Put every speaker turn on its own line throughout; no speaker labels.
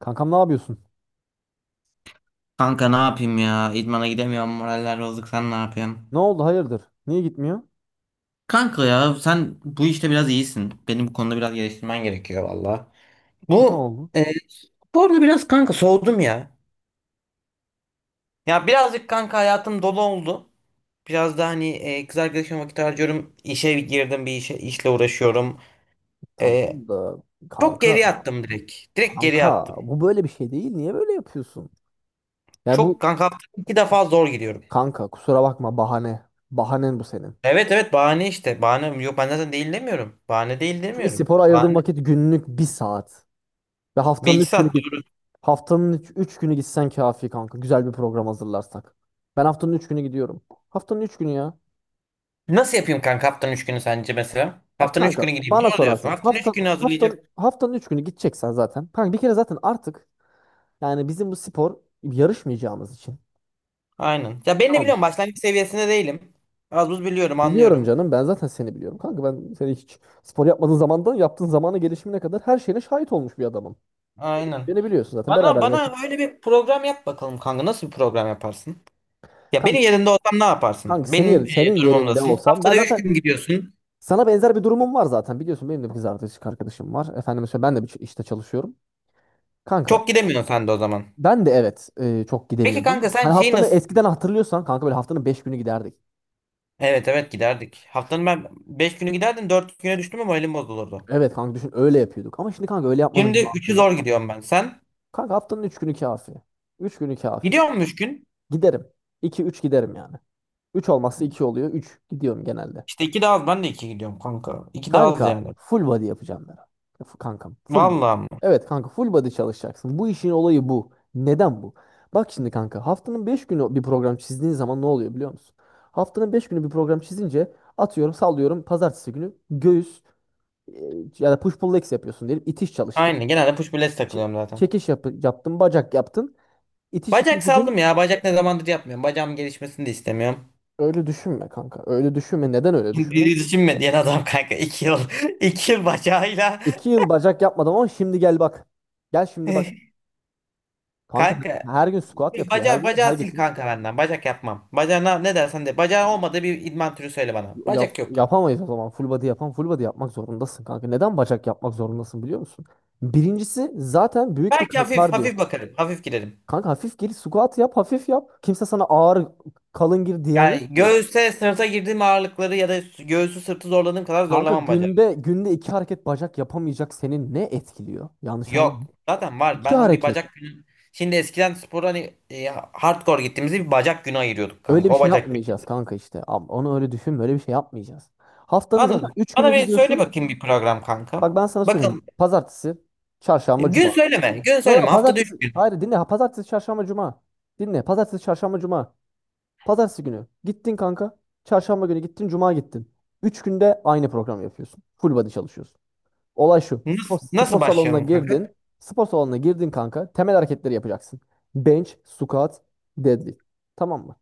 Kankam ne yapıyorsun?
Kanka ne yapayım ya? İdmana gidemiyorum. Moraller bozuk. Sen ne yapıyorsun?
Ne oldu hayırdır? Niye gitmiyor?
Kanka ya sen bu işte biraz iyisin. Benim bu konuda biraz geliştirmen gerekiyor valla.
Ne
Bu
oldu?
e, sporda biraz kanka soğudum ya. Ya birazcık kanka hayatım dolu oldu. Biraz da hani kız arkadaşıma vakit harcıyorum. İşe girdim bir işe, işle uğraşıyorum. E,
Tamam da
Çok geri
kanka,
attım direkt. Direkt geri
kanka
attım.
bu böyle bir şey değil. Niye böyle yapıyorsun? Ya bu
Çok kanka haftada iki defa zor gidiyorum.
kanka kusura bakma bahane. Bahanen bu senin.
Evet, evet, bahane işte. Bahane yok, ben zaten değil demiyorum. Bahane değil
Çünkü
demiyorum.
spora ayırdığın
Bahane.
vakit günlük 1 saat. Ve
Bir
haftanın
iki
3 günü
saat.
git. Haftanın üç günü gitsen kafi kanka. Güzel bir program hazırlarsak. Ben haftanın 3 günü gidiyorum. Haftanın üç günü ya.
Nasıl yapayım kanka, haftanın 3 günü sence mesela?
Ya
Haftanın 3
kanka
günü gideyim.
bana
Ne diyorsun?
sorarsan
Haftanın 3
hafta
günü
haftanın
hazırlayacak.
haftanın üç günü gideceksen zaten. Kanka bir kere zaten artık, yani bizim bu spor yarışmayacağımız için.
Aynen. Ya ben de
Tamam.
biliyorum, başlangıç seviyesinde değilim. Az buz biliyorum,
Biliyorum
anlıyorum.
canım, ben zaten seni biliyorum. Kanka ben seni hiç spor yapmadığın zamandan yaptığın zamana gelişimine kadar her şeyine şahit olmuş bir adamım.
Aynen.
Beni biliyorsun zaten,
Bana
beraber
bana
yaşadık.
öyle bir program yap bakalım kanka. Nasıl bir program yaparsın? Ya benim
Kanka,
yerinde olsam ne yaparsın?
kanka,
Benim
senin yerinde
durumumdasın.
olsam ben
Haftada 3
zaten
gün gidiyorsun.
sana benzer bir durumum var zaten. Biliyorsun, benim de bir kız arkadaşım var. Efendime söyleyeyim, ben de bir işte çalışıyorum. Kanka
Çok gidemiyorsun sen de o zaman.
ben de evet, çok
Peki
gidemiyordum.
kanka, sen
Hani
şeyi
haftanı
nasıl?
eskiden hatırlıyorsan kanka böyle haftanın 5 günü giderdik.
Evet, evet, giderdik. Haftanın ben 5 günü giderdim, 4 güne düştüm ama elim bozulurdu.
Evet kanka, düşün, öyle yapıyorduk. Ama şimdi kanka öyle yapmanın
Şimdi
bir mantığı
üçü zor
yok.
gidiyorum ben. Sen?
Kanka haftanın 3 günü kafi. 3 günü kafi.
Gidiyor musun 3 gün?
Giderim. 2 3 giderim yani. Üç olmazsa 2 oluyor. 3 gidiyorum genelde.
İşte iki de az. Ben de iki gidiyorum kanka. İki de az
Kanka
yani.
full body yapacağım ben. Kankam, full body.
Vallahi ama.
Evet kanka, full body çalışacaksın. Bu işin olayı bu. Neden bu? Bak şimdi kanka, haftanın 5 günü bir program çizdiğin zaman ne oluyor biliyor musun? Haftanın 5 günü bir program çizince atıyorum sallıyorum pazartesi günü göğüs, e, ya da push pull legs yapıyorsun diyelim. İtiş çalıştın.
Aynen. Genelde push pull legs
Ç-
takılıyorum zaten.
Çekiş yaptın. Bacak yaptın. İtiş
Bacak
ikinci
saldım
gün.
ya. Bacak ne zamandır yapmıyorum. Bacağım gelişmesini de istemiyorum.
Öyle düşünme kanka. Öyle düşünme. Neden öyle
Diri
düşünme?
düşünme düşünmediğin adam kanka. İki yıl. iki yıl bacağıyla.
2 yıl bacak yapmadım ama şimdi gel bak. Gel şimdi bak. Kanka
Kanka.
her gün squat yapıyor. Her
Bacağı,
gün her
bacağı sil
gittiğimiz
kanka
squat.
benden. Bacak yapmam. Bacağına ne dersen de. Bacağı olmadığı bir idman türü söyle bana.
yap,
Bacak yok kanka.
yapamayız o zaman. Full body yapmak zorundasın kanka. Neden bacak yapmak zorundasın biliyor musun? Birincisi zaten büyük bir
Belki hafif
kalk diyor.
hafif bakarım. Hafif girerim.
Kanka hafif gir, squat yap, hafif yap. Kimse sana ağır kalın gir diyen
Yani
yok ki.
göğüse sırta girdiğim ağırlıkları ya da göğsü sırtı zorladığım kadar
Kanka
zorlamam bacağı.
günde iki hareket bacak yapamayacak senin ne etkiliyor? Yanlış anlama.
Yok. Zaten var.
İki
Ben bir
hareket.
bacak günü. Şimdi eskiden spor hani hardcore gittiğimizde bir bacak günü ayırıyorduk
Öyle
kanka.
bir
O
şey
bacak günü.
yapmayacağız kanka işte. Onu öyle düşün. Böyle bir şey yapmayacağız. Haftanın zaten
Anladım.
3 güne
Bana bir söyle
gidiyorsun.
bakayım bir program kanka.
Bak ben sana
Bakın
söyleyeyim. Pazartesi, çarşamba,
gün
cuma.
söyleme. Gün
Yok
söyleme.
yok,
Haftada üç
pazartesi.
gün.
Hayır, dinle. Ha, pazartesi, çarşamba, cuma. Dinle. Pazartesi, çarşamba, cuma. Pazartesi günü gittin kanka. Çarşamba günü gittin, cuma gittin. 3 günde aynı programı yapıyorsun. Full body çalışıyorsun. Olay şu. Spor,
Nasıl,
spor
nasıl
salonuna
başlayalım kanka?
girdin. Spor salonuna girdin kanka. Temel hareketleri yapacaksın. Bench, squat, deadlift. Tamam mı?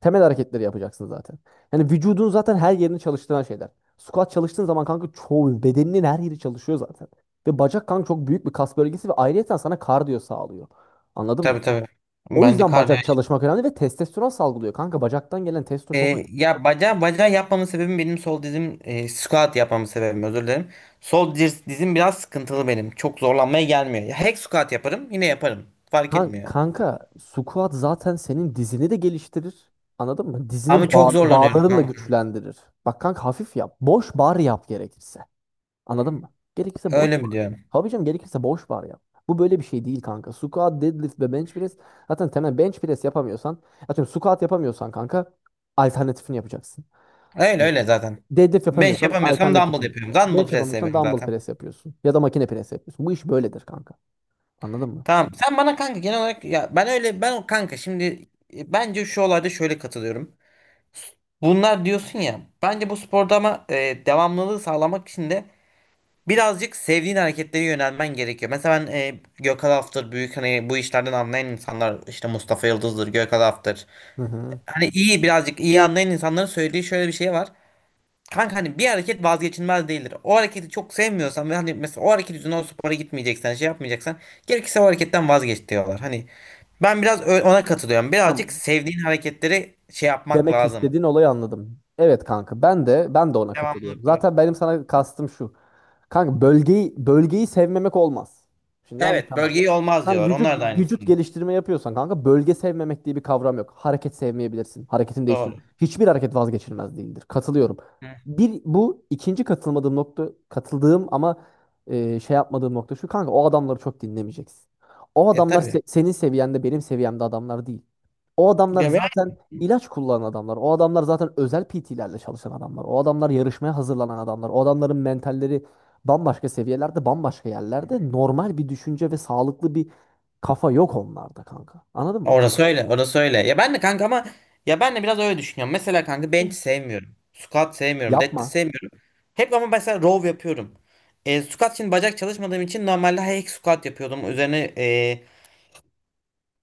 Temel hareketleri yapacaksın zaten. Yani vücudun zaten her yerini çalıştıran şeyler. Squat çalıştığın zaman kanka çoğu bedeninin her yeri çalışıyor zaten. Ve bacak kanka çok büyük bir kas bölgesi ve ayrıyeten sana kardiyo sağlıyor. Anladın mı?
Tabii, tabii.
O
Bence
yüzden
kardiyo.
bacak çalışmak önemli ve testosteron salgılıyor. Kanka bacaktan gelen testo çok...
Ya bacağı yapmamın sebebim benim sol dizim, squat yapmamın sebebim, özür dilerim. Dizim biraz sıkıntılı benim. Çok zorlanmaya gelmiyor. Ya, hack squat yaparım, yine yaparım. Fark etmiyor.
Kanka squat zaten senin dizini de geliştirir. Anladın mı?
Ama
Dizinin
çok zorlanıyorum
bağlarını da
kanka.
güçlendirir. Bak kanka, hafif yap. Boş bar yap gerekirse. Anladın mı? Gerekirse boş
Öyle mi
var.
diyorum?
Tabii gerekirse boş var ya. Bu böyle bir şey değil kanka. Squat, deadlift ve bench press. Zaten temel bench press yapamıyorsan, atıyorum squat yapamıyorsan kanka alternatifini yapacaksın.
Öyle öyle zaten.
Deadlift
Bench
yapamıyorsan
yapamıyorsam dumbbell
alternatifini.
yapıyorum. Dumbbell
Bench
press
yapamıyorsan
yapıyorum
dumbbell
zaten.
press yapıyorsun. Ya da makine press yapıyorsun. Bu iş böyledir kanka. Anladın mı?
Tamam. Sen bana kanka genel olarak ya ben öyle ben o kanka şimdi bence şu olayda şöyle katılıyorum. Bunlar diyorsun ya, bence bu sporda ama devamlılığı sağlamak için de birazcık sevdiğin hareketlere yönelmen gerekiyor. Mesela ben Gökhan Aftır büyük, hani bu işlerden anlayan insanlar işte Mustafa Yıldız'dır, Gökhan Aftır.
Hı hı.
Hani iyi birazcık iyi anlayan insanların söylediği şöyle bir şey var. Kanka hani bir hareket vazgeçilmez değildir. O hareketi çok sevmiyorsan ve hani mesela o hareket yüzünden o spora gitmeyeceksen, şey yapmayacaksan, gerekirse o hareketten vazgeç diyorlar. Hani ben biraz ona katılıyorum. Birazcık
Tamam.
sevdiğin hareketleri şey yapmak
Demek
lazım.
istediğin olayı anladım. Evet kanka, ben de ona katılıyorum.
Devamlılık var.
Zaten benim sana kastım şu. Kanka bölgeyi sevmemek olmaz. Şimdi yanlış
Evet,
anlama.
bölgeyi olmaz
Sen
diyorlar.
vücut
Onlar da
vücut
aynısını.
geliştirme yapıyorsan kanka, bölge sevmemek diye bir kavram yok. Hareket sevmeyebilirsin. Hareketini değiştir.
Doğru.
Hiçbir hareket vazgeçilmez değildir. Katılıyorum.
Hı.
Bir, bu ikinci katılmadığım nokta, katıldığım ama şey yapmadığım nokta şu kanka: o adamları çok dinlemeyeceksin. O
E
adamlar
tabii.
senin seviyende benim seviyemde adamlar değil. O adamlar
Ya ben,
zaten ilaç kullanan adamlar. O adamlar zaten özel PT'lerle çalışan adamlar. O adamlar yarışmaya hazırlanan adamlar. O adamların mentalleri bambaşka seviyelerde, bambaşka yerlerde. Normal bir düşünce ve sağlıklı bir kafa yok onlarda kanka. Anladın mı?
orası öyle, orası öyle. Ya ben de kanka ama ya ben de biraz öyle düşünüyorum. Mesela kanka bench
Hı.
sevmiyorum. Squat sevmiyorum, deadlift
Yapma.
sevmiyorum. Hep ama mesela row yapıyorum. Squat için bacak çalışmadığım için normalde hack squat yapıyordum. Üzerine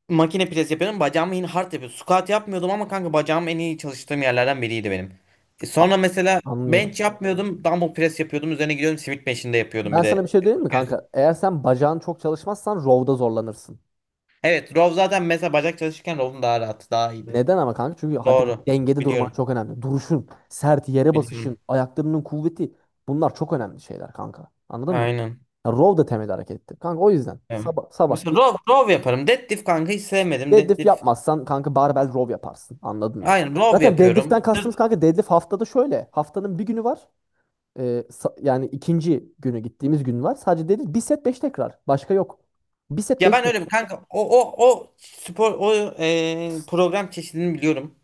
makine pres yapıyordum. Bacağımı yine hard yapıyordum. Squat yapmıyordum ama kanka bacağım en iyi çalıştığım yerlerden biriydi benim.
A-
Sonra mesela
Anlıyorum.
bench yapmıyordum. Dumbbell press yapıyordum. Üzerine gidiyordum, Smith machine'de yapıyordum
Ben
bir
sana bir
de.
şey diyeyim mi kanka? Eğer sen bacağın çok çalışmazsan rowda zorlanırsın.
Evet row zaten, mesela bacak çalışırken row'un daha rahat. Daha iyiydi.
Neden ama kanka? Çünkü hadi,
Doğru.
dengede durman
Biliyorum.
çok önemli. Duruşun, sert yere basışın,
Biliyorum.
ayaklarının kuvveti, bunlar çok önemli şeyler kanka. Anladın mı?
Aynen.
Ya row da temel harekettir. Kanka o yüzden
Evet.
sabah sabah
Mesela row yaparım. Deadlift kanka hiç sevmedim.
deadlift
Deadlift.
yapmazsan kanka barbell row yaparsın. Anladın mı?
Aynen row
Zaten
yapıyorum.
deadlift'ten
Sırt.
kastımız kanka, deadlift haftada şöyle. Haftanın 1 günü var. Yani ikinci günü gittiğimiz gün var. Sadece deadlift 1 set 5 tekrar. Başka yok. Bir set
Ya
beş
ben öyle bir
tekrar.
kanka o spor o, program çeşidini biliyorum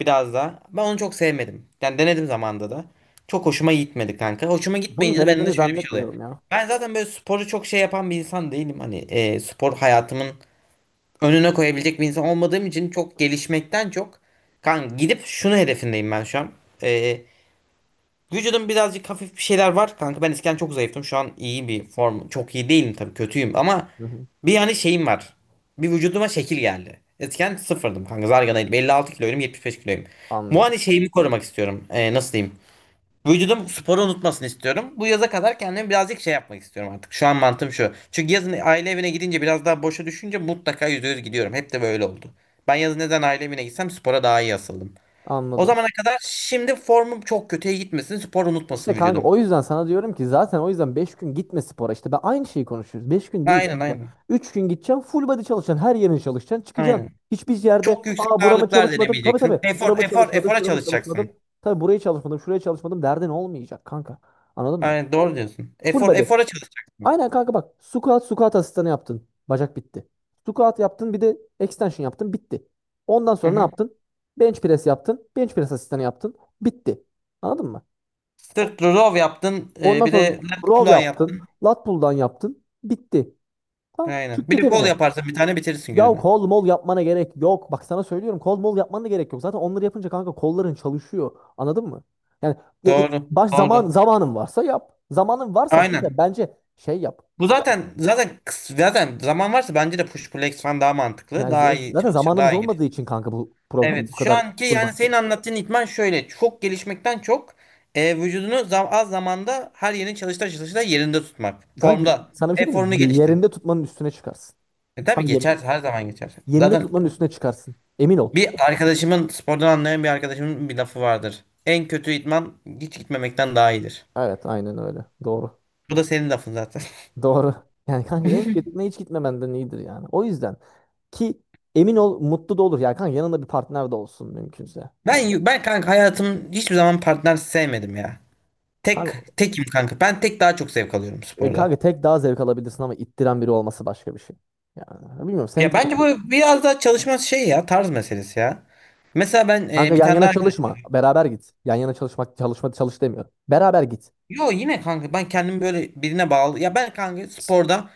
biraz da. Ben onu çok sevmedim. Yani denedim zamanda da. Çok hoşuma gitmedi kanka. Hoşuma
Bunu
gitmeyince de bende de
denediğini
şöyle bir şey oluyor.
zannetmiyorum ya.
Ben zaten böyle sporu çok şey yapan bir insan değilim. Hani spor hayatımın önüne koyabilecek bir insan olmadığım için, çok gelişmekten çok kanka gidip şunu hedefindeyim ben şu an. E, Vücudum birazcık hafif bir şeyler var kanka. Ben eskiden çok zayıftım. Şu an iyi bir form. Çok iyi değilim tabii, kötüyüm ama
Hı hı.
bir yani şeyim var. Bir vücuduma şekil geldi. Eskiden sıfırdım kanka, zarganaydım. 56 kiloyum, 75 kiloyum. Bu
Anlıyorum.
hani şeyimi korumak istiyorum. Nasıl diyeyim? Vücudum sporu unutmasını istiyorum. Bu yaza kadar kendimi birazcık şey yapmak istiyorum artık. Şu an mantığım şu. Çünkü yazın aile evine gidince biraz daha boşa düşünce mutlaka %100 gidiyorum. Hep de böyle oldu. Ben yazın neden aile evine gitsem spora daha iyi asıldım. O
Anladım.
zamana kadar şimdi formum çok kötüye gitmesin. Spor
İşte
unutmasın
kanka
vücudum.
o yüzden sana diyorum ki, zaten o yüzden 5 gün gitme spora. İşte ben aynı şeyi konuşuyoruz. 5 gün değil
Aynen,
kanka.
aynen.
3 gün gideceksin, full body çalışacaksın. Her yerin çalışacaksın. Çıkacaksın.
Aynen.
Hiçbir yerde
Çok yüksek
"aa, burama
ağırlıklar
çalışmadım. Tabii tabii
denemeyeceksin.
burama çalışmadım.
Efora
Şurama
çalışacaksın.
çalışmadım. Tabii burayı çalışmadım. Şuraya çalışmadım" derdin olmayacak kanka. Anladın mı?
Aynen doğru diyorsun.
Full body.
Efora çalışacaksın.
Aynen kanka, bak. Squat, squat asistanı yaptın. Bacak bitti. Squat yaptın, bir de extension yaptın. Bitti. Ondan
Hı
sonra ne
hı.
yaptın? Bench press yaptın. Bench press asistanı yaptın. Bitti. Anladın mı?
Sırt row yaptın.
Ondan
Bir
sonra
de lat
row
pull
yaptın.
yaptın.
Lat pull'dan yaptın. Bitti. Tamam.
Aynen.
Çık
Bir
git
de kol
evine.
yaparsın, bir tane bitirirsin
Ya
gününü.
kol mol yapmana gerek yok. Bak sana söylüyorum, kol mol yapmana da gerek yok. Zaten onları yapınca kanka kolların çalışıyor. Anladın mı? Yani ya- ya-
Doğru.
baş zaman
Doğru.
zamanın varsa yap. Zamanın varsa
Aynen.
zaten bence şey yap.
Bu
Yani,
zaten zaman varsa bence de push pull legs falan daha mantıklı.
yani,
Daha iyi
zaten
çalışır.
zamanımız
Daha iyi.
olmadığı için kanka bu program bu
Evet, şu
kadar
anki
full
yani
bench
senin
olur.
anlattığın idman şöyle, çok gelişmekten çok vücudunu az zamanda her yerini çalışta yerinde tutmak.
Kanka
Formda.
sana bir şey
Hep
diyeyim mi?
formunu geliştir.
Yerinde tutmanın üstüne çıkarsın.
E, tabii
Sana yemin
geçer,
ederim.
her zaman geçer.
Yerinde
Zaten
tutmanın üstüne çıkarsın. Emin ol.
bir arkadaşımın bir lafı vardır. En kötü idman hiç gitmemekten daha iyidir.
Evet, aynen öyle. Doğru.
Bu da senin lafın zaten.
Doğru. Yani kanka, en kötü hiç gitmemenden iyidir yani. O yüzden ki emin ol, mutlu da olur. Yani kanka, yanında bir partner de olsun mümkünse. Yani
Ben kanka hayatım hiçbir zaman partner sevmedim ya. Tek
kanka,
tekim kanka. Ben tek daha çok zevk alıyorum
e,
sporda.
kanka tek daha zevk alabilirsin ama ittiren biri olması başka bir şey. Yani bilmiyorum, sen
Ya
tabii.
bence bu biraz daha çalışma şey ya, tarz meselesi ya. Mesela ben,
Kanka
bir
yan
tane daha
yana
arkadaşım.
çalışma. Beraber git. Yan yana çalışmak çalışma çalış demiyor. Beraber git.
Yo, yine kanka ben kendimi böyle birine bağlı. Ya ben kanka sporda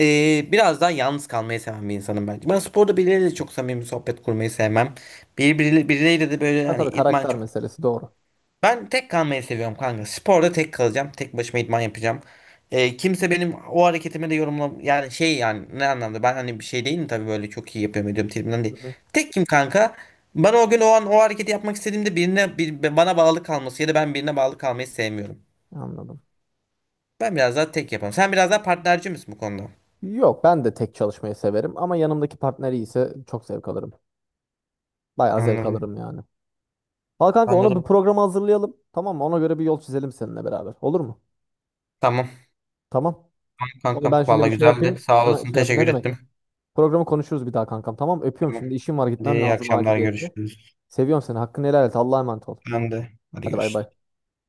biraz daha yalnız kalmayı seven bir insanım bence. Ben sporda birileriyle de çok samimi sohbet kurmayı sevmem. Birileriyle de böyle
Ha
hani
tabii,
idman
karakter
çok.
meselesi, doğru.
Ben tek kalmayı seviyorum kanka. Sporda tek kalacağım. Tek başıma idman yapacağım. Kimse benim o hareketimi de yorumla, yani şey, yani ne anlamda, ben hani bir şey değilim tabii, böyle çok iyi yapıyorum ediyorum tribimden
Hı
değil.
hı.
Tekim kanka. Bana o gün o an o hareketi yapmak istediğimde bana bağlı kalması ya da ben birine bağlı kalmayı sevmiyorum.
Anladım.
Ben biraz daha tek yaparım. Sen biraz daha partnerci misin bu konuda?
Yok, ben de tek çalışmayı severim ama yanımdaki partner iyiyse çok zevk alırım. Bayağı zevk
Anladım.
alırım yani. Al kanka, ona bir
Anladım.
program hazırlayalım. Tamam mı? Ona göre bir yol çizelim seninle beraber. Olur mu?
Tamam.
Tamam.
Tamam
Onu
kankam.
ben şimdi
Valla
bir şey
güzeldi.
yapayım.
Sağ
Sana
olasın.
şey yapayım. Ne
Teşekkür
demek?
ettim.
Programı konuşuruz bir daha kankam. Tamam. Öpüyorum
Tamam.
şimdi. İşim var,
Hadi
gitmem
iyi
lazım
akşamlar,
aciliyetle.
görüşürüz.
Seviyorum seni. Hakkını helal et. Allah'a emanet ol.
Ben de. Hadi
Hadi bay
görüşürüz.
bay.